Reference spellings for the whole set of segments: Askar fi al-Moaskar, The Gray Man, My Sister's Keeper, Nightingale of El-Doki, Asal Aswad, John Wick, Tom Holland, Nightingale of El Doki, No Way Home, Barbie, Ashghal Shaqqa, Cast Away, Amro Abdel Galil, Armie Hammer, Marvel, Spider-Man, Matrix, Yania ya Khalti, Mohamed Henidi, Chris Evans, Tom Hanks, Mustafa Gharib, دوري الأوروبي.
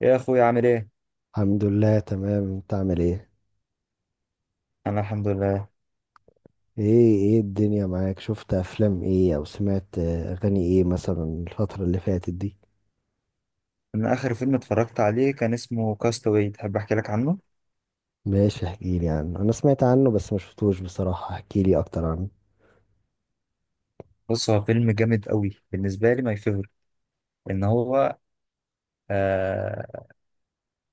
يا اخويا، عامل ايه؟ الحمد لله، تمام. انت عامل ايه؟ انا الحمد لله. ايه ايه الدنيا معاك؟ شفت افلام ايه او سمعت اغاني ايه مثلا الفترة اللي فاتت دي؟ انا اخر فيلم اتفرجت عليه كان اسمه كاستاوي. تحب احكي لك عنه؟ ماشي احكيلي عنه، انا سمعت عنه بس ما شفتوش بصراحة، احكيلي اكتر عنه. بص، هو فيلم جامد قوي بالنسبه لي، ماي فيفورت. ان هو آه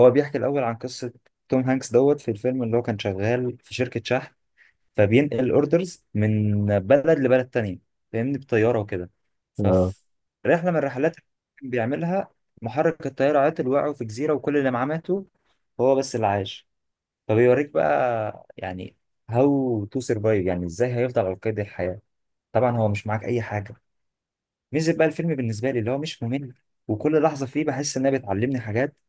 هو بيحكي الاول عن قصه توم هانكس دوت في الفيلم، اللي هو كان شغال في شركه شحن. فبينقل اوردرز من بلد لبلد تانية، فاهمني، بطياره وكده. اه، ففي رحله من الرحلات اللي كان بيعملها، محرك الطياره عطل، وقعوا في جزيره، وكل اللي معاه ماتوا. هو بس اللي عاش. فبيوريك بقى يعني، هاو تو سرفايف، يعني ازاي هيفضل على قيد الحياة. طبعا هو مش معاك اي حاجة. ميزة بقى الفيلم بالنسبة لي اللي هو مش ممل، وكل لحظة فيه بحس انها بتعلمني حاجات.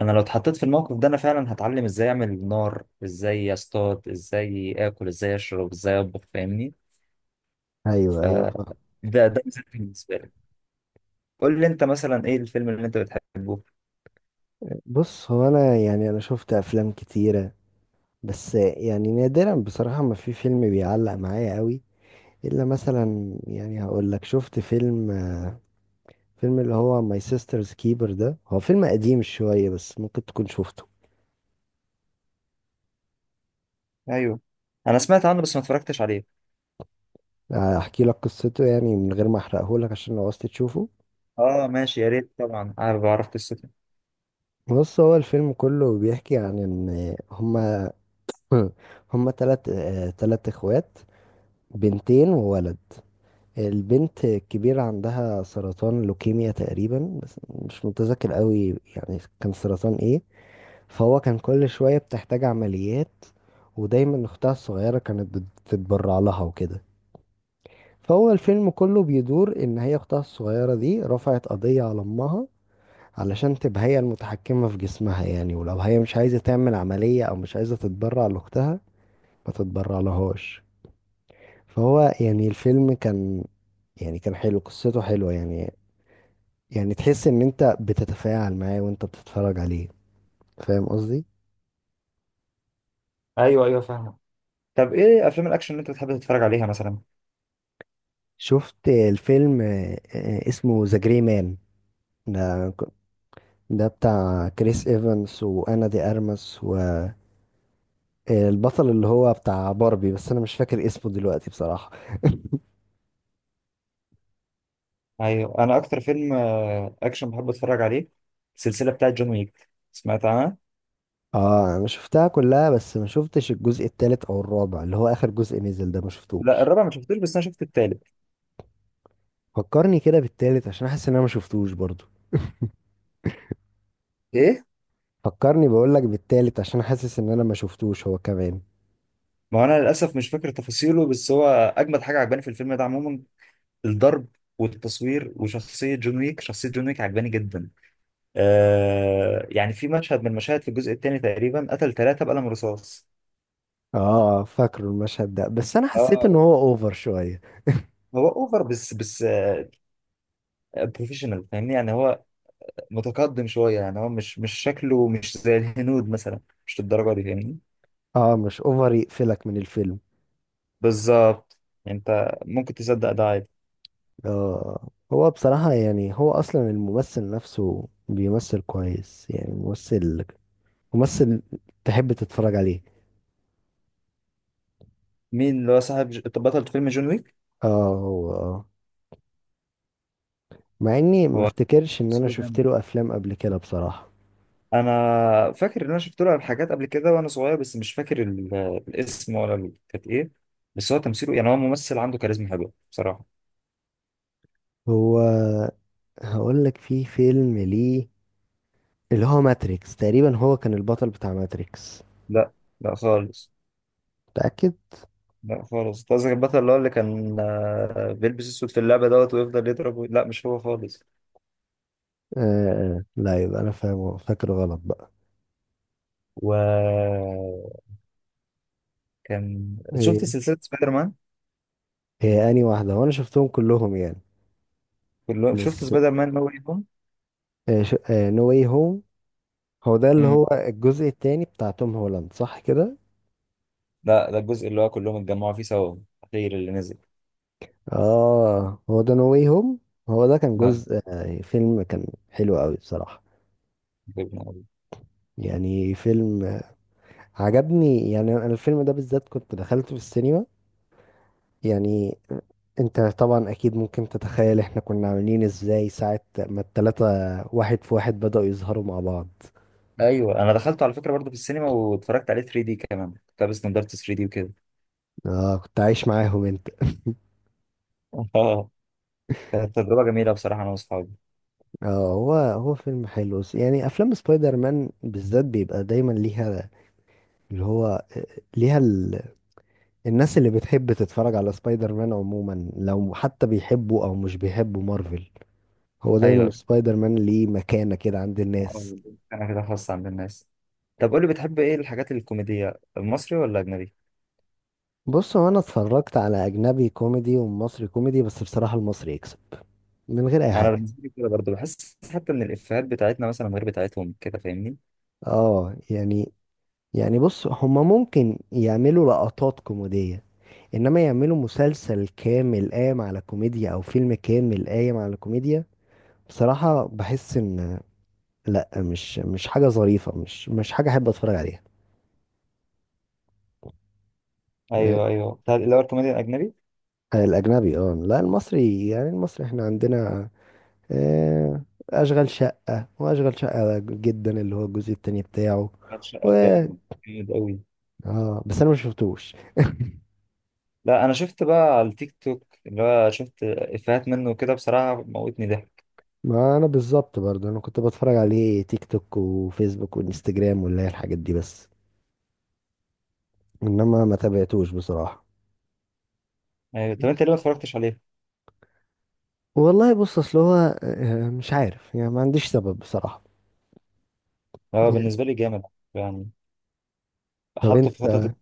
انا لو اتحطيت في الموقف ده، انا فعلا هتعلم ازاي اعمل نار، ازاي اصطاد، ازاي اكل، ازاي اشرب، ازاي اطبخ، فاهمني. ايوه ف ايوه فاهم. ده مثلاً بالنسبة لي. قول لي انت، مثلا ايه الفيلم اللي انت بتحبه؟ بص، هو انا يعني انا شفت افلام كتيرة، بس يعني نادرا بصراحة ما في فيلم بيعلق معايا قوي، الا مثلا يعني هقول لك شفت فيلم اللي هو My Sister's Keeper. ده هو فيلم قديم شوية بس ممكن تكون شفته. ايوه، انا سمعت عنه بس ما اتفرجتش عليه. احكي لك قصته يعني من غير ما احرقه لك عشان لو عايز تشوفه. اه ماشي، يا ريت، طبعا انا بعرف قصته. بص، هو الفيلم كله بيحكي عن ان هما هما تلات تلات اخوات، بنتين وولد. البنت الكبيرة عندها سرطان لوكيميا تقريبا بس مش متذكر قوي يعني كان سرطان ايه. فهو كان كل شوية بتحتاج عمليات، ودايما أختها الصغيرة كانت بتتبرع لها وكده. فهو الفيلم كله بيدور إن هي أختها الصغيرة دي رفعت قضية على أمها علشان تبقى هي المتحكمة في جسمها، يعني ولو هي مش عايزة تعمل عملية أو مش عايزة تتبرع لأختها ما تتبرع لهاش. فهو يعني الفيلم كان، يعني كان حلو، قصته حلوة يعني. يعني تحس إن أنت بتتفاعل معاه وأنت بتتفرج عليه. فاهم قصدي؟ ايوه، ايوه، فاهم. طب ايه افلام الاكشن اللي انت بتحب تتفرج عليها مثلا؟ شفت الفيلم اسمه ذا جري مان. ده ده بتاع كريس ايفنس وانا دي ارمس، والبطل اللي هو بتاع باربي بس انا مش فاكر اسمه دلوقتي بصراحة. ايوه، انا اكتر فيلم اكشن بحب اتفرج عليه، السلسله بتاعت جون ويك، سمعت عنها؟ اه، انا شفتها كلها بس ما شفتش الجزء التالت او الرابع اللي هو اخر جزء نزل ده، ما لا، شفتوش. الرابع ما شفتوش بس انا شفت التالت. فكرني كده بالتالت عشان احس ان انا ما شفتوش برضو. ايه. فكرني بقول لك بالتالت عشان حاسس ان انا ما شفتوش هو كمان. ما انا للاسف مش فاكر تفاصيله، بس هو اجمد حاجه عجباني في الفيلم ده عموما، الضرب والتصوير وشخصيه جون ويك. شخصيه جون ويك عجباني جدا. آه، يعني في مشهد من المشاهد في الجزء الثاني تقريبا، قتل ثلاثه بقلم رصاص. اه، فاكره المشهد ده بس انا حسيت ان اه، هو اوفر شوية. هو اوفر، بس بروفيشنال، فاهمني، يعني هو متقدم شوية، يعني هو مش شكله مش زي الهنود مثلا، مش للدرجة دي، فاهمني. اه مش اوفر يقفلك من الفيلم. بالظبط. يعني انت ممكن تصدق ده عادي. آه، هو بصراحة يعني هو أصلا الممثل نفسه بيمثل كويس، يعني ممثل تحب تتفرج عليه. مين اللي هو صاحب بطل فيلم جون ويك؟ اه هو اه، مع إني ما هو افتكرش إن أنا سيبه شفت جامد. له أفلام قبل كده بصراحة. انا فاكر ان انا شفت له حاجات قبل كده وانا صغير، بس مش فاكر الاسم ولا كانت ايه. بس هو تمثيله، يعني هو ممثل عنده كاريزما حلوة بصراحة. هو هقول لك في فيلم ليه اللي هو ماتريكس تقريبا، هو كان البطل بتاع ماتريكس. لا، لا خالص، متأكد؟ لا خالص. أنت قصدك البطل اللي هو اللي كان بيلبس اسود في اللعبة دوت، ويفضل يضرب لا، مش هو خالص. آه لا يبقى أنا فاهم، فاكر غلط بقى. و كان إيه شفت سلسلة سبايدر مان؟ هي أنهي واحدة؟ وأنا شفتهم كلهم يعني، كله. شفت بس سبايدر مان نو واي هوم. نو واي هوم. هو ده اللي امم هو الجزء التاني بتاع توم هولاند، صح كده؟ لا، ده الجزء اللي هو كلهم اتجمعوا فيه سوا، الأخير اللي نزل. اه هو ده نو واي هوم. هو ده كان آه. جزء فيلم كان حلو قوي بصراحة. جبنا أوي. يعني فيلم عجبني، يعني انا الفيلم ده بالذات كنت دخلته في السينما. يعني انت طبعا اكيد ممكن تتخيل احنا كنا عاملين ازاي ساعة ما التلاتة واحد في واحد بدأوا يظهروا مع بعض. ايوه، انا دخلته على فكرة برضه في السينما واتفرجت عليه 3 دي كمان، كنت لابس نضارة 3 دي وكده. اه كنت عايش معاهم انت. اه. كانت تجربة جميلة بصراحة، انا واصحابي. اه، هو هو فيلم حلو، يعني افلام سبايدر مان بالذات بيبقى دايما ليها، اللي هو ليها ال... الناس اللي بتحب تتفرج على سبايدر مان عموما، لو حتى بيحبوا او مش بيحبوا مارفل، هو دايما ايوه. سبايدر مان ليه مكانة كده عند الناس. آه. انا كده، خاصة عند الناس. طب قول لي، بتحب ايه الحاجات الكوميدية، المصري ولا اجنبي؟ بص هو انا اتفرجت على اجنبي كوميدي ومصري كوميدي، بس بصراحة المصري يكسب من غير اي انا حاجة. بالنسبة لي كده برضه بحس حتى ان الافيهات بتاعتنا مثلا غير بتاعتهم كده، فاهمني. اه يعني، يعني بص هما ممكن يعملوا لقطات كوميدية، انما يعملوا مسلسل كامل قايم على كوميديا او فيلم كامل قايم على كوميديا، بصراحة بحس ان لا، مش حاجة ظريفة، مش حاجة أحب أتفرج عليها. آه، ايوه، ايوه، اللي هو الكوميديا الاجنبي. الأجنبي اه لا، المصري، يعني المصري احنا عندنا آه، أشغال شقة وأشغال شقة جدا اللي هو الجزء التاني بتاعه. و شقة جامد، جامد قوي. اه بس أنا ما شفتوش. لا، انا شفت بقى على التيك توك، اللي هو شفت افيهات منه كده بصراحة، موتني ضحك. ما أنا بالظبط برضه، أنا كنت بتفرج عليه تيك توك وفيسبوك وإنستجرام واللي هي الحاجات دي، بس إنما ما تابعتوش بصراحة. أيوة. طب انت ليه ما اتفرجتش عليه؟ والله بص أصل هو مش عارف يعني، ما عنديش سبب بصراحة. هو بالنسبة لي جامد، يعني طب حطه في أنت خطط.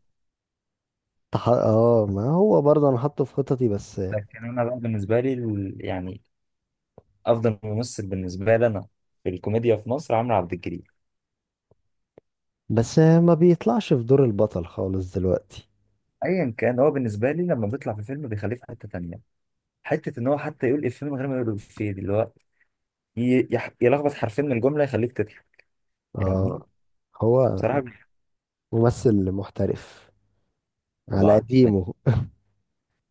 اه ما هو برضه انا حاطه في خططي بس. لكن انا بقى بالنسبة لي يعني افضل ممثل بالنسبة لي انا في الكوميديا في مصر عمرو عبد الجليل. بس ما بيطلعش في دور البطل خالص دلوقتي. ايا كان، هو بالنسبة لي لما بيطلع في فيلم بيخليه في حتة تانية، حتة ان هو حتى يقول افيه من غير ما يقول افيه دي، اللي هو يلخبط حرفين من الجملة، يخليك تضحك. يعني، اه هو بصراحة، ممثل محترف على طبعا. قديمه.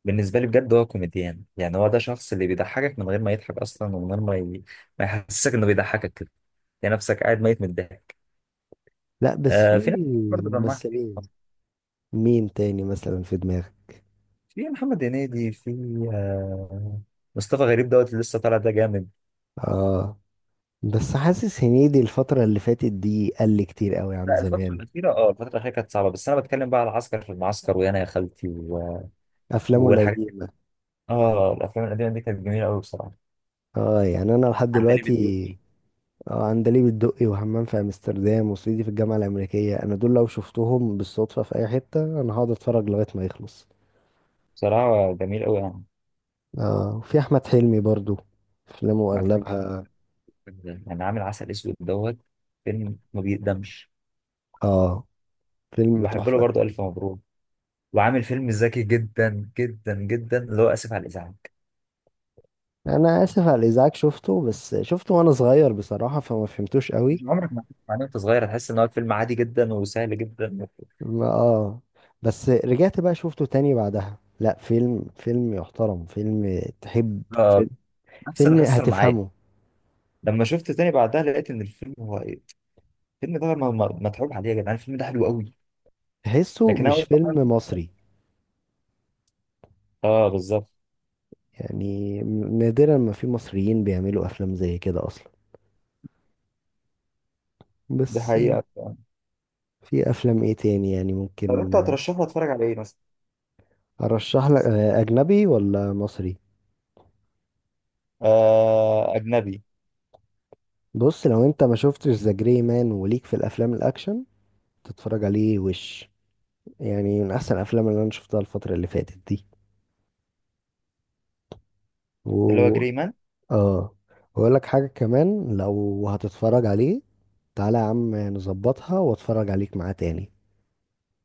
بالنسبة لي بجد هو كوميديان، يعني هو ده شخص اللي بيضحكك من غير ما يضحك أصلا، ومن غير ما ما يحسسك إنه بيضحكك كده. يعني نفسك قاعد ميت من الضحك. لا بس في آه، في ناس برضه دمها خفيف في ممثلين، مصر، مين تاني مثلا في دماغك؟ في محمد هنيدي، في آه مصطفى غريب دوت اللي لسه طالع، ده جامد. اه بس حاسس هنيدي الفترة اللي فاتت دي قل كتير قوي عن لا، زمان، الفترة الأخيرة كانت صعبة، بس أنا بتكلم بقى على عسكر في المعسكر، ويانا يا خالتي افلامه والحاجات دي. القديمة. اه، الأفلام القديمة دي كانت جميلة أوي بصراحة. اه يعني انا لحد عندليب دلوقتي، الدقي، اه عندليب الدقي وحمام في امستردام وسيدي في الجامعه الامريكيه، انا دول لو شفتهم بالصدفه في اي حته انا هقعد اتفرج لغايه ما يخلص. بصراحة جميل أوي يعني. اه وفي احمد حلمي برضو، افلامه اغلبها، يعني عامل عسل أسود دوت، فيلم ما بيقدمش. اه فيلم وبحب له تحفه. برضه ألف مبروك، وعامل فيلم ذكي جدا جدا جدا، اللي هو آسف على الإزعاج. انا اسف على الازعاج شفته، بس شفته وانا صغير بصراحه فما فهمتوش قوي. مش عمرك ما هتفهم عليه وأنت صغير، هتحس إن هو فيلم عادي جدا وسهل جدا. ما اه بس رجعت بقى شفته تاني بعدها، لا فيلم يحترم، فيلم تحب، آه، فيلم نفس اللي فيلم حصل معايا. هتفهمه. لما شفت تاني بعدها لقيت إن الفيلم هو إيه، الفيلم ده متعوب عليه يا جدعان، الفيلم ده حلو قوي. تحسه لكن أنا أول مش ما فيلم مصري، آه، بالظبط. يعني نادرا ما في مصريين بيعملوا افلام زي كده اصلا. دي بس حقيقة. في افلام ايه تاني يعني طب ممكن أنت هترشح لي أتفرج على إيه مثلا؟ ارشح لك، اجنبي ولا مصري؟ آه، أجنبي. بص لو انت ما شفتش ذا جري مان وليك في الافلام الاكشن، تتفرج عليه وش، يعني من احسن الافلام اللي انا شفتها الفترة اللي فاتت دي. اللي هو و جري مان. اه واقول لك حاجة كمان، لو هتتفرج عليه تعالى يا عم نظبطها واتفرج عليك معاه تاني.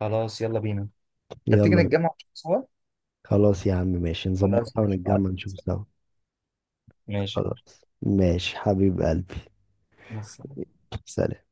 خلاص، يلا بينا. طب تيجي يلا نتجمع سوا. خلاص يا عم ماشي، خلاص نظبطها ماشي، ونتجمع بعتلي. نشوف سوا. ماشي. خلاص ماشي حبيب قلبي. بس. سلام.